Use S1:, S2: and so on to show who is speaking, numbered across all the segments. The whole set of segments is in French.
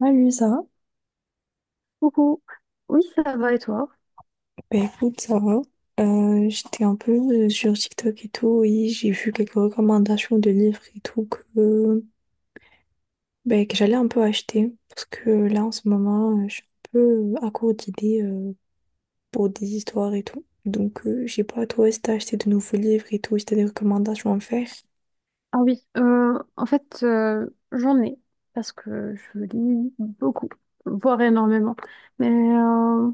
S1: Salut Sarah.
S2: Coucou. Oui, ça va et toi?
S1: Bah écoute Sarah, j'étais un peu sur TikTok et tout et j'ai vu quelques recommandations de livres et tout que, bah, que j'allais un peu acheter parce que là en ce moment je suis un peu à court d'idées pour des histoires et tout. Donc, je sais pas, toi, si t'as acheté de nouveaux livres et tout, si t'as des recommandations à me faire.
S2: Ah oui, en fait, j'en ai parce que je lis beaucoup, voire énormément. Mais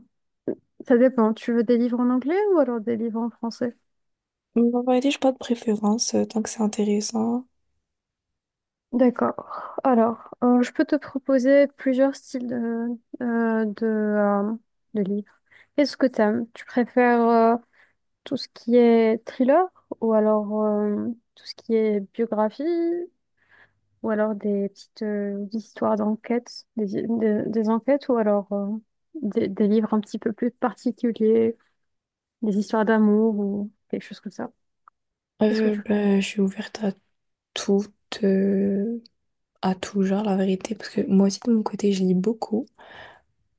S2: ça dépend. Tu veux des livres en anglais ou alors des livres en français?
S1: En vérité, j'ai pas de préférence, tant que c'est intéressant.
S2: D'accord. Alors, je peux te proposer plusieurs styles euh, de, euh, de livres. Qu'est-ce que t'aimes? Tu préfères tout ce qui est thriller ou alors tout ce qui est biographie ou alors des petites histoires d'enquête, des enquêtes, ou alors des livres un petit peu plus particuliers, des histoires d'amour ou quelque chose comme ça. Qu'est-ce que
S1: Euh,
S2: tu...
S1: ben, je suis ouverte tout, euh, à tout genre, la vérité, parce que moi aussi, de mon côté, je lis beaucoup.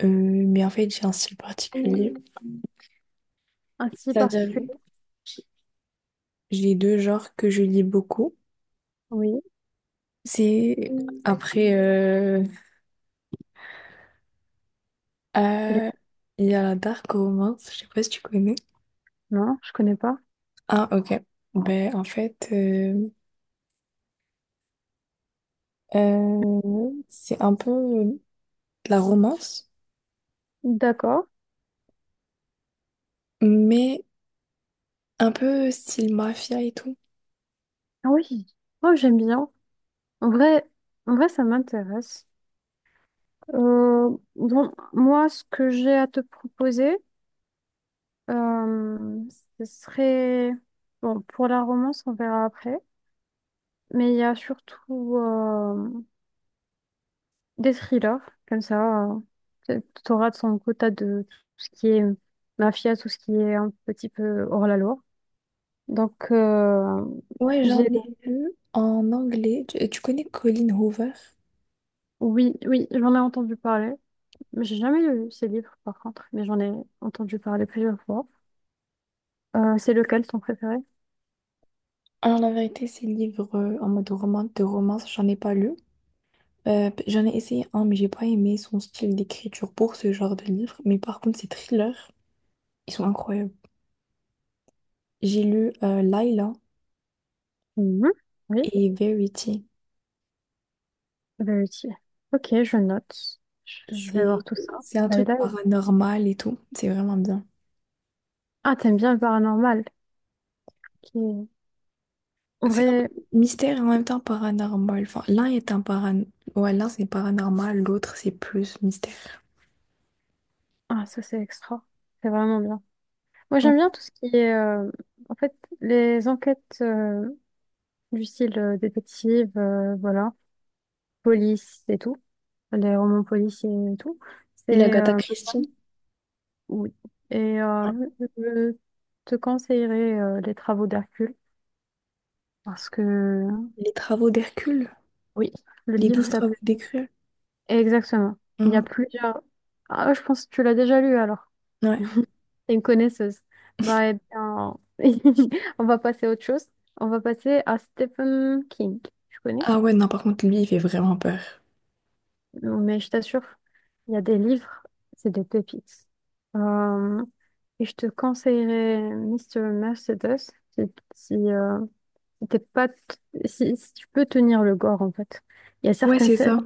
S1: Mais en fait, j'ai un style particulier.
S2: Un si
S1: C'est-à-dire,
S2: particulier?
S1: j'ai deux genres que je lis beaucoup.
S2: Oui.
S1: C'est après, euh, il y a la dark romance, je sais pas si tu connais.
S2: Non, je connais pas.
S1: Ah, ok. Ben, en fait, c'est un peu de la romance,
S2: D'accord.
S1: mais un peu style mafia et tout.
S2: Ah, oui. Oh, j'aime bien. En vrai, en vrai, ça m'intéresse. Bon, moi, ce que j'ai à te proposer, euh, ce serait... Bon, pour la romance, on verra après. Mais il y a surtout... des thrillers, comme ça, t'auras de son quota de tout ce qui est mafia, tout ce qui est un petit peu hors la loi. Donc,
S1: Ouais, j'en
S2: j'ai,
S1: ai lu en anglais. Tu connais Colleen Hoover?
S2: oui, oui, j'en ai entendu parler. Mais j'ai jamais lu ces livres, par contre, mais j'en ai entendu parler plusieurs fois. C'est lequel ton préféré?
S1: Alors, la vérité, ces livres en mode romance, de romance, j'en ai pas lu. J'en ai essayé un, mais j'ai pas aimé son style d'écriture pour ce genre de livre. Mais par contre, ses thrillers, ils sont incroyables. J'ai lu Laila
S2: Mhm. Oui,
S1: et Verity.
S2: Verity. Ok, je note. Je vais voir
S1: C'est,
S2: tout ça.
S1: c'est un truc
S2: Layla et Verity.
S1: paranormal et tout. C'est vraiment bien.
S2: Ah, t'aimes bien le paranormal, qui est... En
S1: C'est un peu
S2: vrai,
S1: mystère et en même temps paranormal. Enfin, l'un est un paran... ouais, l'un c'est paranormal, l'autre c'est plus mystère.
S2: ah, ça c'est extra. C'est vraiment bien. Moi,
S1: Mm.
S2: j'aime bien tout ce qui est, en fait, les enquêtes du style détective, voilà, police et tout, les romans policiers et tout.
S1: Et
S2: C'est,
S1: l'Agatha Christie,
S2: oui. Et je te conseillerais les travaux d'Hercule parce que,
S1: les travaux d'Hercule,
S2: oui, le
S1: les
S2: livre
S1: douze
S2: s'appelle.
S1: travaux d'Hercule.
S2: Exactement. Il y a
S1: Mm.
S2: plusieurs. Ah, je pense que tu l'as déjà lu alors.
S1: Ouais.
S2: T'es une connaisseuse. Bah, eh bien, on va passer à autre chose. On va passer à Stephen King. Tu connais?
S1: Ah ouais, non, par contre, lui, il fait vraiment peur.
S2: Non, mais je t'assure, il y a des livres, c'est des pépites. Euh, et je te conseillerais Mister Mercedes si, si, euh, si t'es pas t- si tu peux tenir le gore, en fait. Il y a
S1: Ouais,
S2: certaines
S1: c'est
S2: scènes
S1: ça.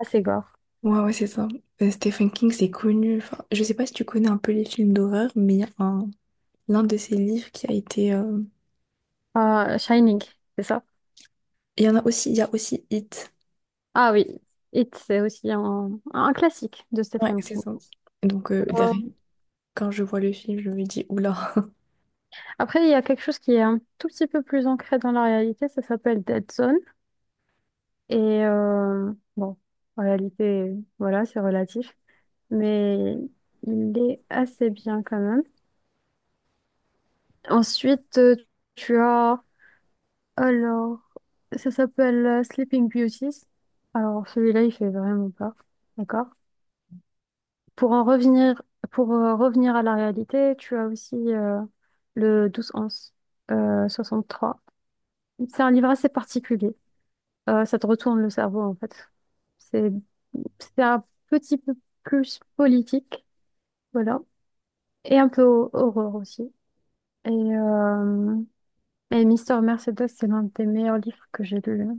S2: assez gore.
S1: Ouais, ouais, c'est ça. Stephen King, c'est connu. Enfin, je sais pas si tu connais un peu les films d'horreur, mais il y a un, l'un de ses livres qui a été.
S2: Shining, c'est ça?
S1: Il y en a aussi, il y a aussi It.
S2: Ah oui, It, c'est aussi un classique de
S1: Ouais,
S2: Stephen
S1: c'est
S2: King.
S1: ça. Donc, derrière,
S2: Euh,
S1: quand je vois le film, je me dis, oula.
S2: Après, il y a quelque chose qui est un tout petit peu plus ancré dans la réalité, ça s'appelle Dead Zone. Et bon, en réalité, voilà, c'est relatif. Mais il est assez bien quand même. Ensuite, tu as... Alors, ça s'appelle Sleeping Beauties. Alors, celui-là, il fait vraiment peur. D'accord? Pour en revenir, pour revenir à la réalité, tu as aussi le douze 11 euh, trois. C'est un livre assez particulier. Ça te retourne le cerveau, en fait. C'est c'est un petit peu plus politique, voilà. Et un peu horreur aussi. Et, euh, Mais Mister Mercedes, c'est l'un des meilleurs livres que j'ai lu, hein,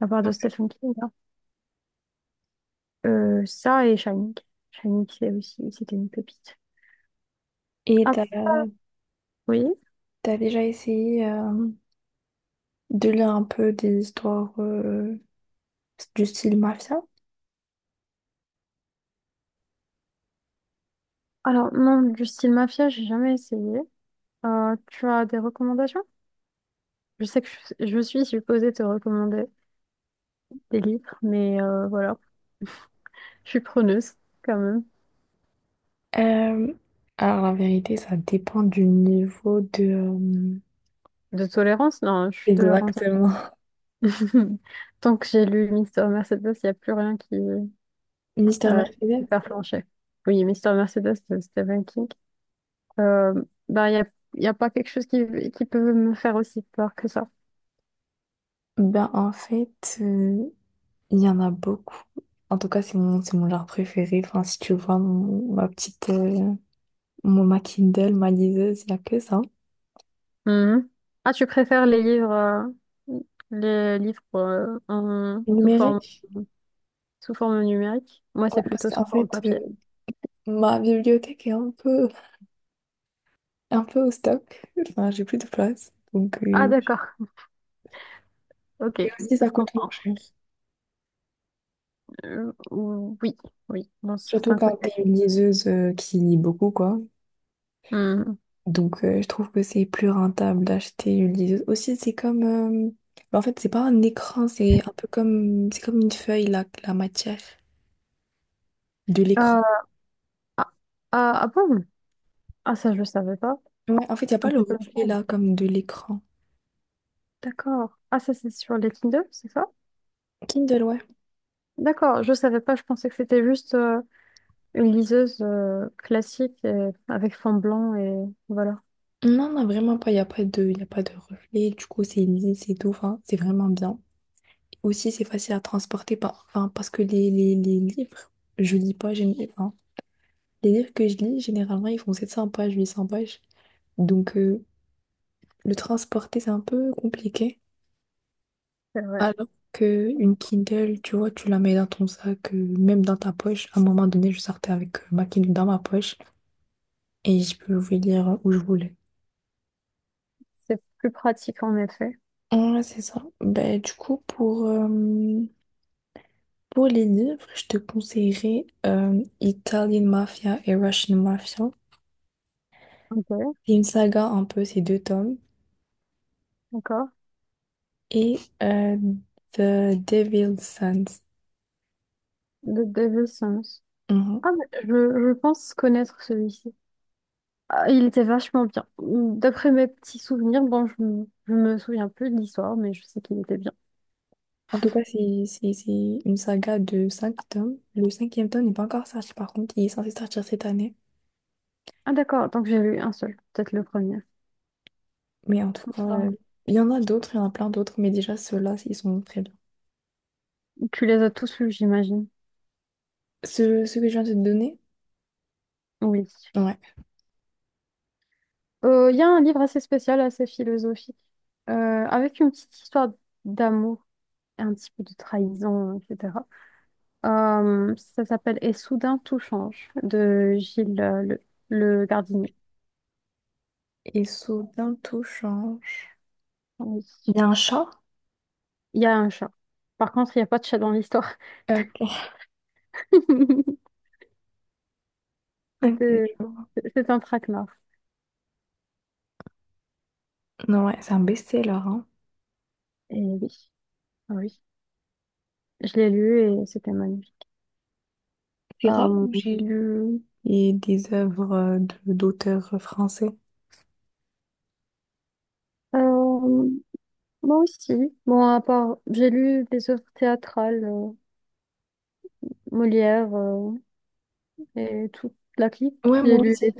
S2: à part de Stephen King, hein. Ça et Shining. Shining, c'est aussi, c'était une pépite.
S1: Et
S2: Ah
S1: t'as,
S2: oui.
S1: t'as déjà essayé de lire un peu des histoires du style mafia?
S2: Alors, non, du style mafia, j'ai jamais essayé. Tu as des recommandations? Je sais que je suis supposée te recommander des livres, mais voilà, je suis preneuse quand même.
S1: Euh, alors, la vérité, ça dépend du niveau de.
S2: De tolérance? Non, je suis tolérante.
S1: Exactement.
S2: Tant que j'ai lu Mister Mercedes, il n'y a plus rien qui, euh,
S1: Mystère
S2: qui peut me
S1: Mercedes?
S2: faire flancher. Oui, Mister Mercedes de Stephen King. Euh, ben, y a pas quelque chose qui peut me faire aussi peur que ça.
S1: Ben, en fait. Il y en a beaucoup. En tout cas, c'est mon genre préféré. Enfin, si tu vois ma petite, ma Kindle, ma liseuse, il n'y a que ça.
S2: Mhm. Ah, tu préfères les livres sous forme,
S1: Numérique.
S2: sous forme numérique? Moi,
S1: Ouais,
S2: c'est
S1: parce
S2: plutôt sous
S1: qu'en
S2: forme
S1: fait,
S2: papier.
S1: ma bibliothèque est un peu au stock. Enfin, j'ai plus de place. Donc,
S2: Ah, d'accord. Ok,
S1: et aussi,
S2: ça
S1: ça
S2: se
S1: coûte moins
S2: comprend.
S1: cher.
S2: Euh, oui, oui, dans
S1: Surtout
S2: certains
S1: quand
S2: côtés.
S1: t'es une liseuse qui lit beaucoup, quoi.
S2: Mhm.
S1: Donc, je trouve que c'est plus rentable d'acheter une liseuse. Aussi, c'est comme. En fait, c'est pas un écran, c'est un peu comme. C'est comme une feuille, la matière. De l'écran.
S2: Euh, ah, ah bon? Ah, ça, je ne savais pas.
S1: Ouais, en fait, il n'y a
S2: Un
S1: pas le
S2: peu comme
S1: reflet
S2: ça.
S1: là, comme de l'écran.
S2: D'accord. Ah, ça, c'est sur les Kindle, c'est ça?
S1: Kindle, ouais.
S2: D'accord, je savais pas. Je pensais que c'était juste une liseuse classique avec fond blanc et voilà.
S1: Non, non, vraiment pas. Il n'y a pas de, y a pas de reflet. Du coup, c'est lisse et tout. Enfin, c'est vraiment bien. Aussi, c'est facile à transporter. Enfin, parce que les livres, je lis pas. Enfin, les livres que je lis, généralement, ils font 700 pages, 800 pages. Donc, le transporter, c'est un peu compliqué.
S2: C'est vrai.
S1: Alors que une Kindle, tu vois, tu la mets dans ton sac, même dans ta poche. À un moment donné, je sortais avec ma Kindle dans ma poche et je pouvais lire où je voulais.
S2: C'est plus pratique en effet.
S1: Ouais, c'est ça. Ben, du coup, pour les livres, je te conseillerais Italian Mafia et Russian Mafia.
S2: Ok,
S1: C'est une saga un peu, ces deux tomes.
S2: d'accord.
S1: Et The Devil's Sons.
S2: De David Sims.
S1: Mhm.
S2: Ah, mais je pense connaître celui-ci. Ah, il était vachement bien. D'après mes petits souvenirs, bon, je me souviens plus de l'histoire, mais je sais qu'il était bien.
S1: En tout cas, c'est une saga de cinq tomes. Le cinquième tome n'est pas encore sorti, par contre, il est censé sortir cette année.
S2: Ah, d'accord, donc j'ai lu un seul, peut-être le premier.
S1: Mais en tout cas,
S2: Ah.
S1: il y en a d'autres, il y en a plein d'autres, mais déjà ceux-là, ils sont très bien.
S2: Tu les as tous lus, j'imagine.
S1: Ceux que je viens de te donner,
S2: Oui.
S1: ouais.
S2: Il y a un livre assez spécial, assez philosophique, avec une petite histoire d'amour, et un petit peu de trahison, etc. Ça s'appelle Et soudain tout change de Gilles le Gardinier.
S1: Ils sont bientôt change.
S2: Oui.
S1: Il y a un chat?
S2: Il y a un chat. Par contre, il n'y a pas de chat dans l'histoire.
S1: Ok. Ok, je
S2: C'était,
S1: vois.
S2: c'est un traquenard.
S1: Non, ouais, c'est un best-seller, hein.
S2: Et oui, ah oui, je l'ai lu et c'était magnifique.
S1: C'est rare
S2: Euh,
S1: où j'ai lu et des œuvres de d'auteurs français.
S2: euh, Moi aussi. Bon, à part, j'ai lu des œuvres théâtrales, Molière et toute la clique.
S1: Ouais,
S2: J'ai
S1: moi
S2: lu
S1: aussi.
S2: les,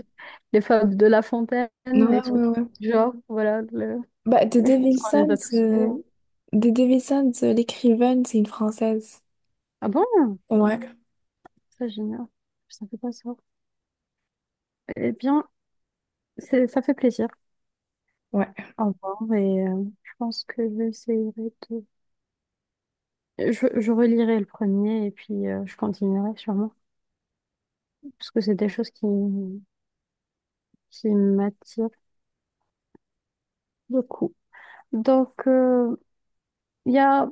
S2: les fables de La Fontaine, les
S1: Ouais,
S2: trucs
S1: ouais, ouais.
S2: du genre, voilà.
S1: Bah,
S2: Je pense qu'on les a tous lus.
S1: Dédé Wilson, l'écrivaine, c'est une Française.
S2: Ah bon?
S1: Ouais,
S2: Ça, génial. Je savais pas ça. Eh bien, ça fait plaisir.
S1: ouais.
S2: Au revoir et je pense que j'essaierai Je, je relirai le premier et puis je continuerai sûrement, parce que c'est des choses qui m'attirent beaucoup. Donc, il y a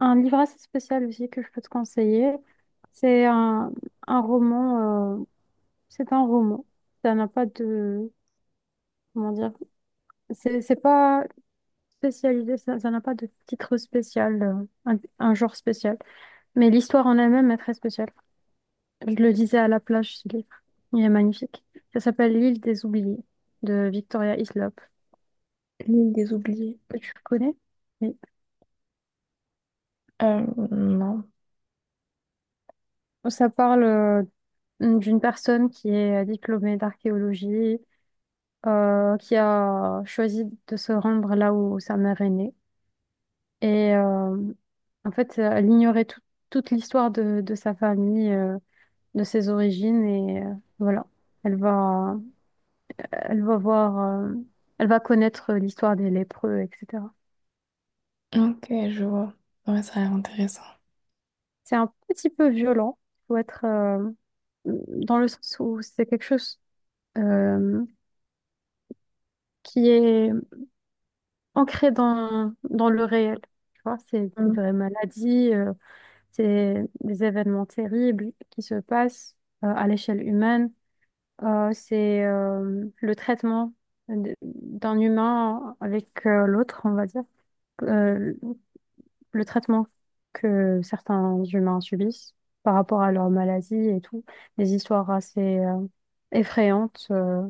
S2: un livre assez spécial aussi que je peux te conseiller. C'est un, un roman, euh, c'est un roman. Ça n'a pas de, comment dire, c'est pas spécialisé, ça ça n'a pas de titre spécial, un genre spécial. Mais l'histoire en elle-même est très spéciale. Je le disais à la plage, ce livre. Il est magnifique. Ça s'appelle L'île des oubliés de Victoria Hislop.
S1: L'île des oubliés.
S2: Tu le connais? Oui.
S1: Euh, non.
S2: Ça parle d'une personne qui est diplômée d'archéologie, qui a choisi de se rendre là où sa mère est née. Et en fait, elle ignorait toute l'histoire de sa famille, de ses origines. Et voilà, elle va, elle va voir, elle va connaître l'histoire des lépreux, etc.
S1: Ok, je vois. Ouais, ça a l'air intéressant.
S2: C'est un petit peu violent. Faut être dans le sens où c'est quelque chose euh, qui est ancré dans le réel. Tu vois, c'est des
S1: Hmm.
S2: vraies maladies, c'est des événements terribles qui se passent à l'échelle humaine. C'est le traitement d'un humain avec l'autre, on va dire. Euh, le traitement que certains humains subissent par rapport à leur maladie et tout, des histoires assez effrayantes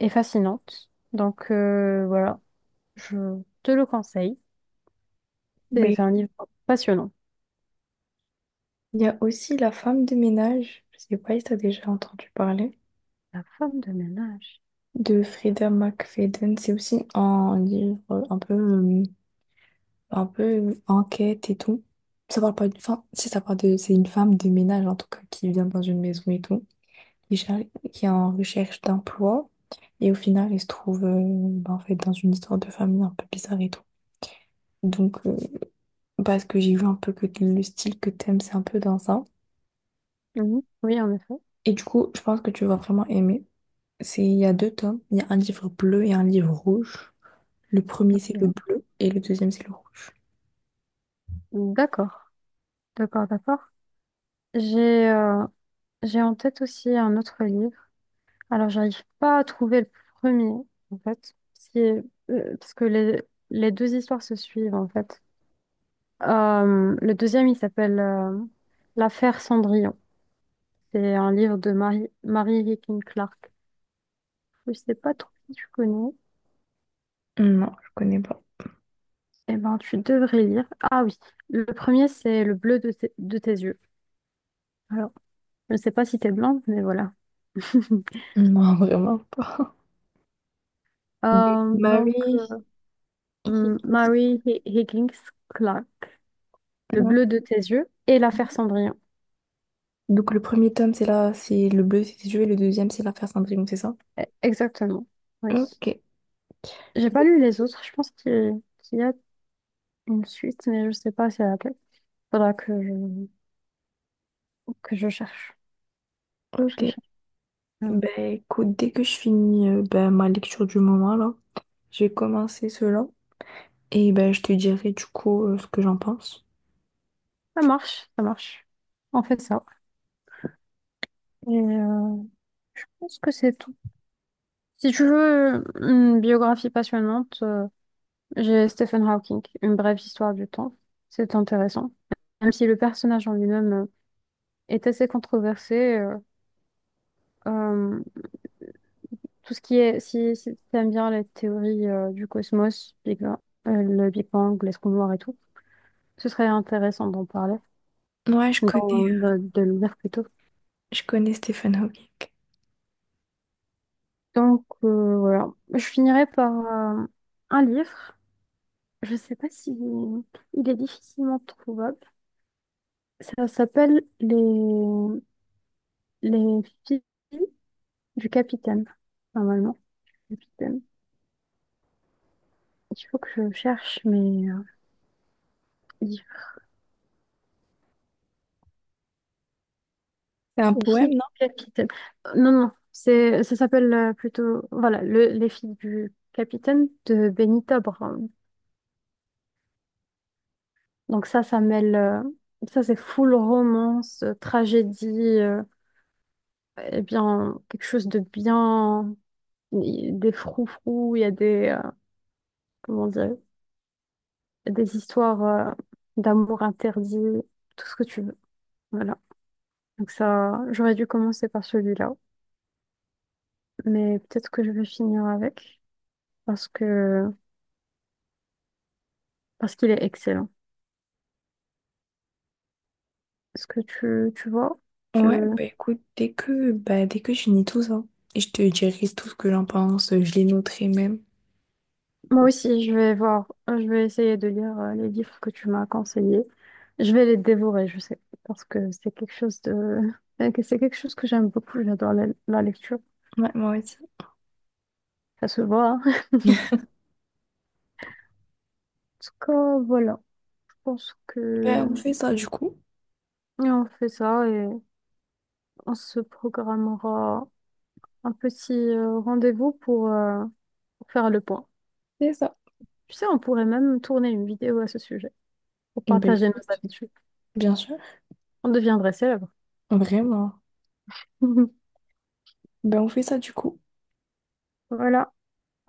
S2: et fascinantes. Donc voilà, je te le conseille.
S1: Mais
S2: C'est un livre passionnant.
S1: il y a aussi La femme de ménage. Je sais pas si t'as déjà entendu parler.
S2: La femme de ménage.
S1: De Frida McFadden. C'est aussi un livre un peu enquête et tout. Ça parle pas d'une femme, si ça parle de, c'est une femme de ménage en tout cas qui vient dans une maison et tout, qui, cher- qui est en recherche d'emploi et au final elle se trouve bah, en fait dans une histoire de famille un peu bizarre et tout. Donc parce que j'ai vu un peu que le style que t'aimes c'est un peu dans ça.
S2: Mhm. Oui, en effet.
S1: Et du coup je pense que tu vas vraiment aimer. C'est il y a deux tomes, il y a un livre bleu et un livre rouge. Le premier, c'est le
S2: Ok.
S1: bleu et le deuxième, c'est le rouge.
S2: D'accord, d'accord, d'accord. J'ai euh, j'ai en tête aussi un autre livre. Alors, j'arrive pas à trouver le premier, en fait, parce que les deux histoires se suivent, en fait. Le deuxième, il s'appelle L'affaire Cendrillon. C'est un livre de Mary Higgin Clark. Je sais pas trop si tu connais.
S1: Non, je connais pas.
S2: Eh ben, tu devrais lire. Ah oui, le premier, c'est Le bleu de tes yeux. Alors, je ne sais pas si t'es blanc, mais voilà.
S1: Non, vraiment pas. De
S2: Euh, donc,
S1: Mary
S2: euh, M-
S1: Higgins.
S2: Mary Higgins Clark, Le bleu de tes yeux et L'affaire Cendrillon.
S1: Donc, le premier tome, c'est là, c'est le bleu, c'est Dieu, et le deuxième, c'est l'affaire Cendrillon, c'est ça?
S2: Eh, exactement, oui.
S1: Ok,
S2: J'ai pas lu les autres. Je pense qu'il y a une suite, mais je sais pas si elle a laquelle. Faudra que je cherche. Je cherche.
S1: ok.
S2: Ouais.
S1: Ben, écoute, dès que je finis ben, ma lecture du moment, là, je vais commencer cela. Et ben, je te dirai du coup ce que j'en pense.
S2: Ça marche, ça marche. On fait ça. Et je pense que c'est tout. Si tu veux une biographie passionnante, j'ai Stephen Hawking, Une brève histoire du temps. C'est intéressant. Même si le personnage en lui-même est assez controversé, euh, tout ce qui est, si tu aimes bien les théories du cosmos, le Big Bang, les trous noirs et tout, ce serait intéressant d'en parler,
S1: Ouais,
S2: d'en-
S1: euh,
S2: de, de le lire plutôt.
S1: je connais Stephen Hawking.
S2: Donc voilà, je finirai par un livre. Je sais pas si il est difficilement trouvable. Ça s'appelle Les filles du capitaine. Normalement, capitaine. Il faut que je cherche mes livres.
S1: C'est un
S2: Les filles du
S1: poème.
S2: capitaine. Non non, c'est ça s'appelle plutôt voilà Les filles du capitaine de Benita Brown. Donc ça c'est full romance, tragédie. euh, eh bien, quelque chose de bien, des froufrous, il y a des, comment dire, des histoires d'amour interdit, tout ce que tu veux. Voilà. Donc ça, j'aurais dû commencer par celui-là, mais peut-être que je vais finir avec parce que parce qu'il est excellent. Est-ce que tu vois, tu
S1: Ouais, bah écoute, dès que je finis tout ça, et je te dirai tout ce que j'en pense, je les noterai même.
S2: Moi aussi, je vais voir, je vais essayer de lire les livres que tu m'as conseillés. Je vais les dévorer, je sais, parce que c'est quelque chose de, que c'est quelque chose que j'aime beaucoup. J'adore la lecture,
S1: Ouais, moi aussi.
S2: ça se voit. hein. En tout cas, voilà, je pense
S1: Bah,
S2: que
S1: on fait ça du coup.
S2: et on fait ça et on se programmera un petit rendez-vous pour faire le point.
S1: C'est ça.
S2: Tu sais, on pourrait même tourner une vidéo à ce sujet pour
S1: Bah
S2: partager nos
S1: écoute,
S2: habitudes.
S1: bien sûr,
S2: On deviendrait célèbre.
S1: vraiment. Bah on fait ça du coup.
S2: Voilà.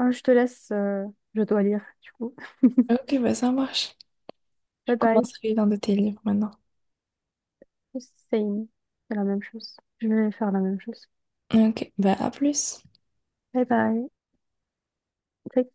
S2: Je te laisse, je dois lire, du coup.
S1: Ok, bah ça marche. Je
S2: Bye bye.
S1: commencerai dans de tes livres maintenant.
S2: Same. C'est la même chose. Je vais faire la même chose.
S1: Ok, bah à plus.
S2: Bye bye. Take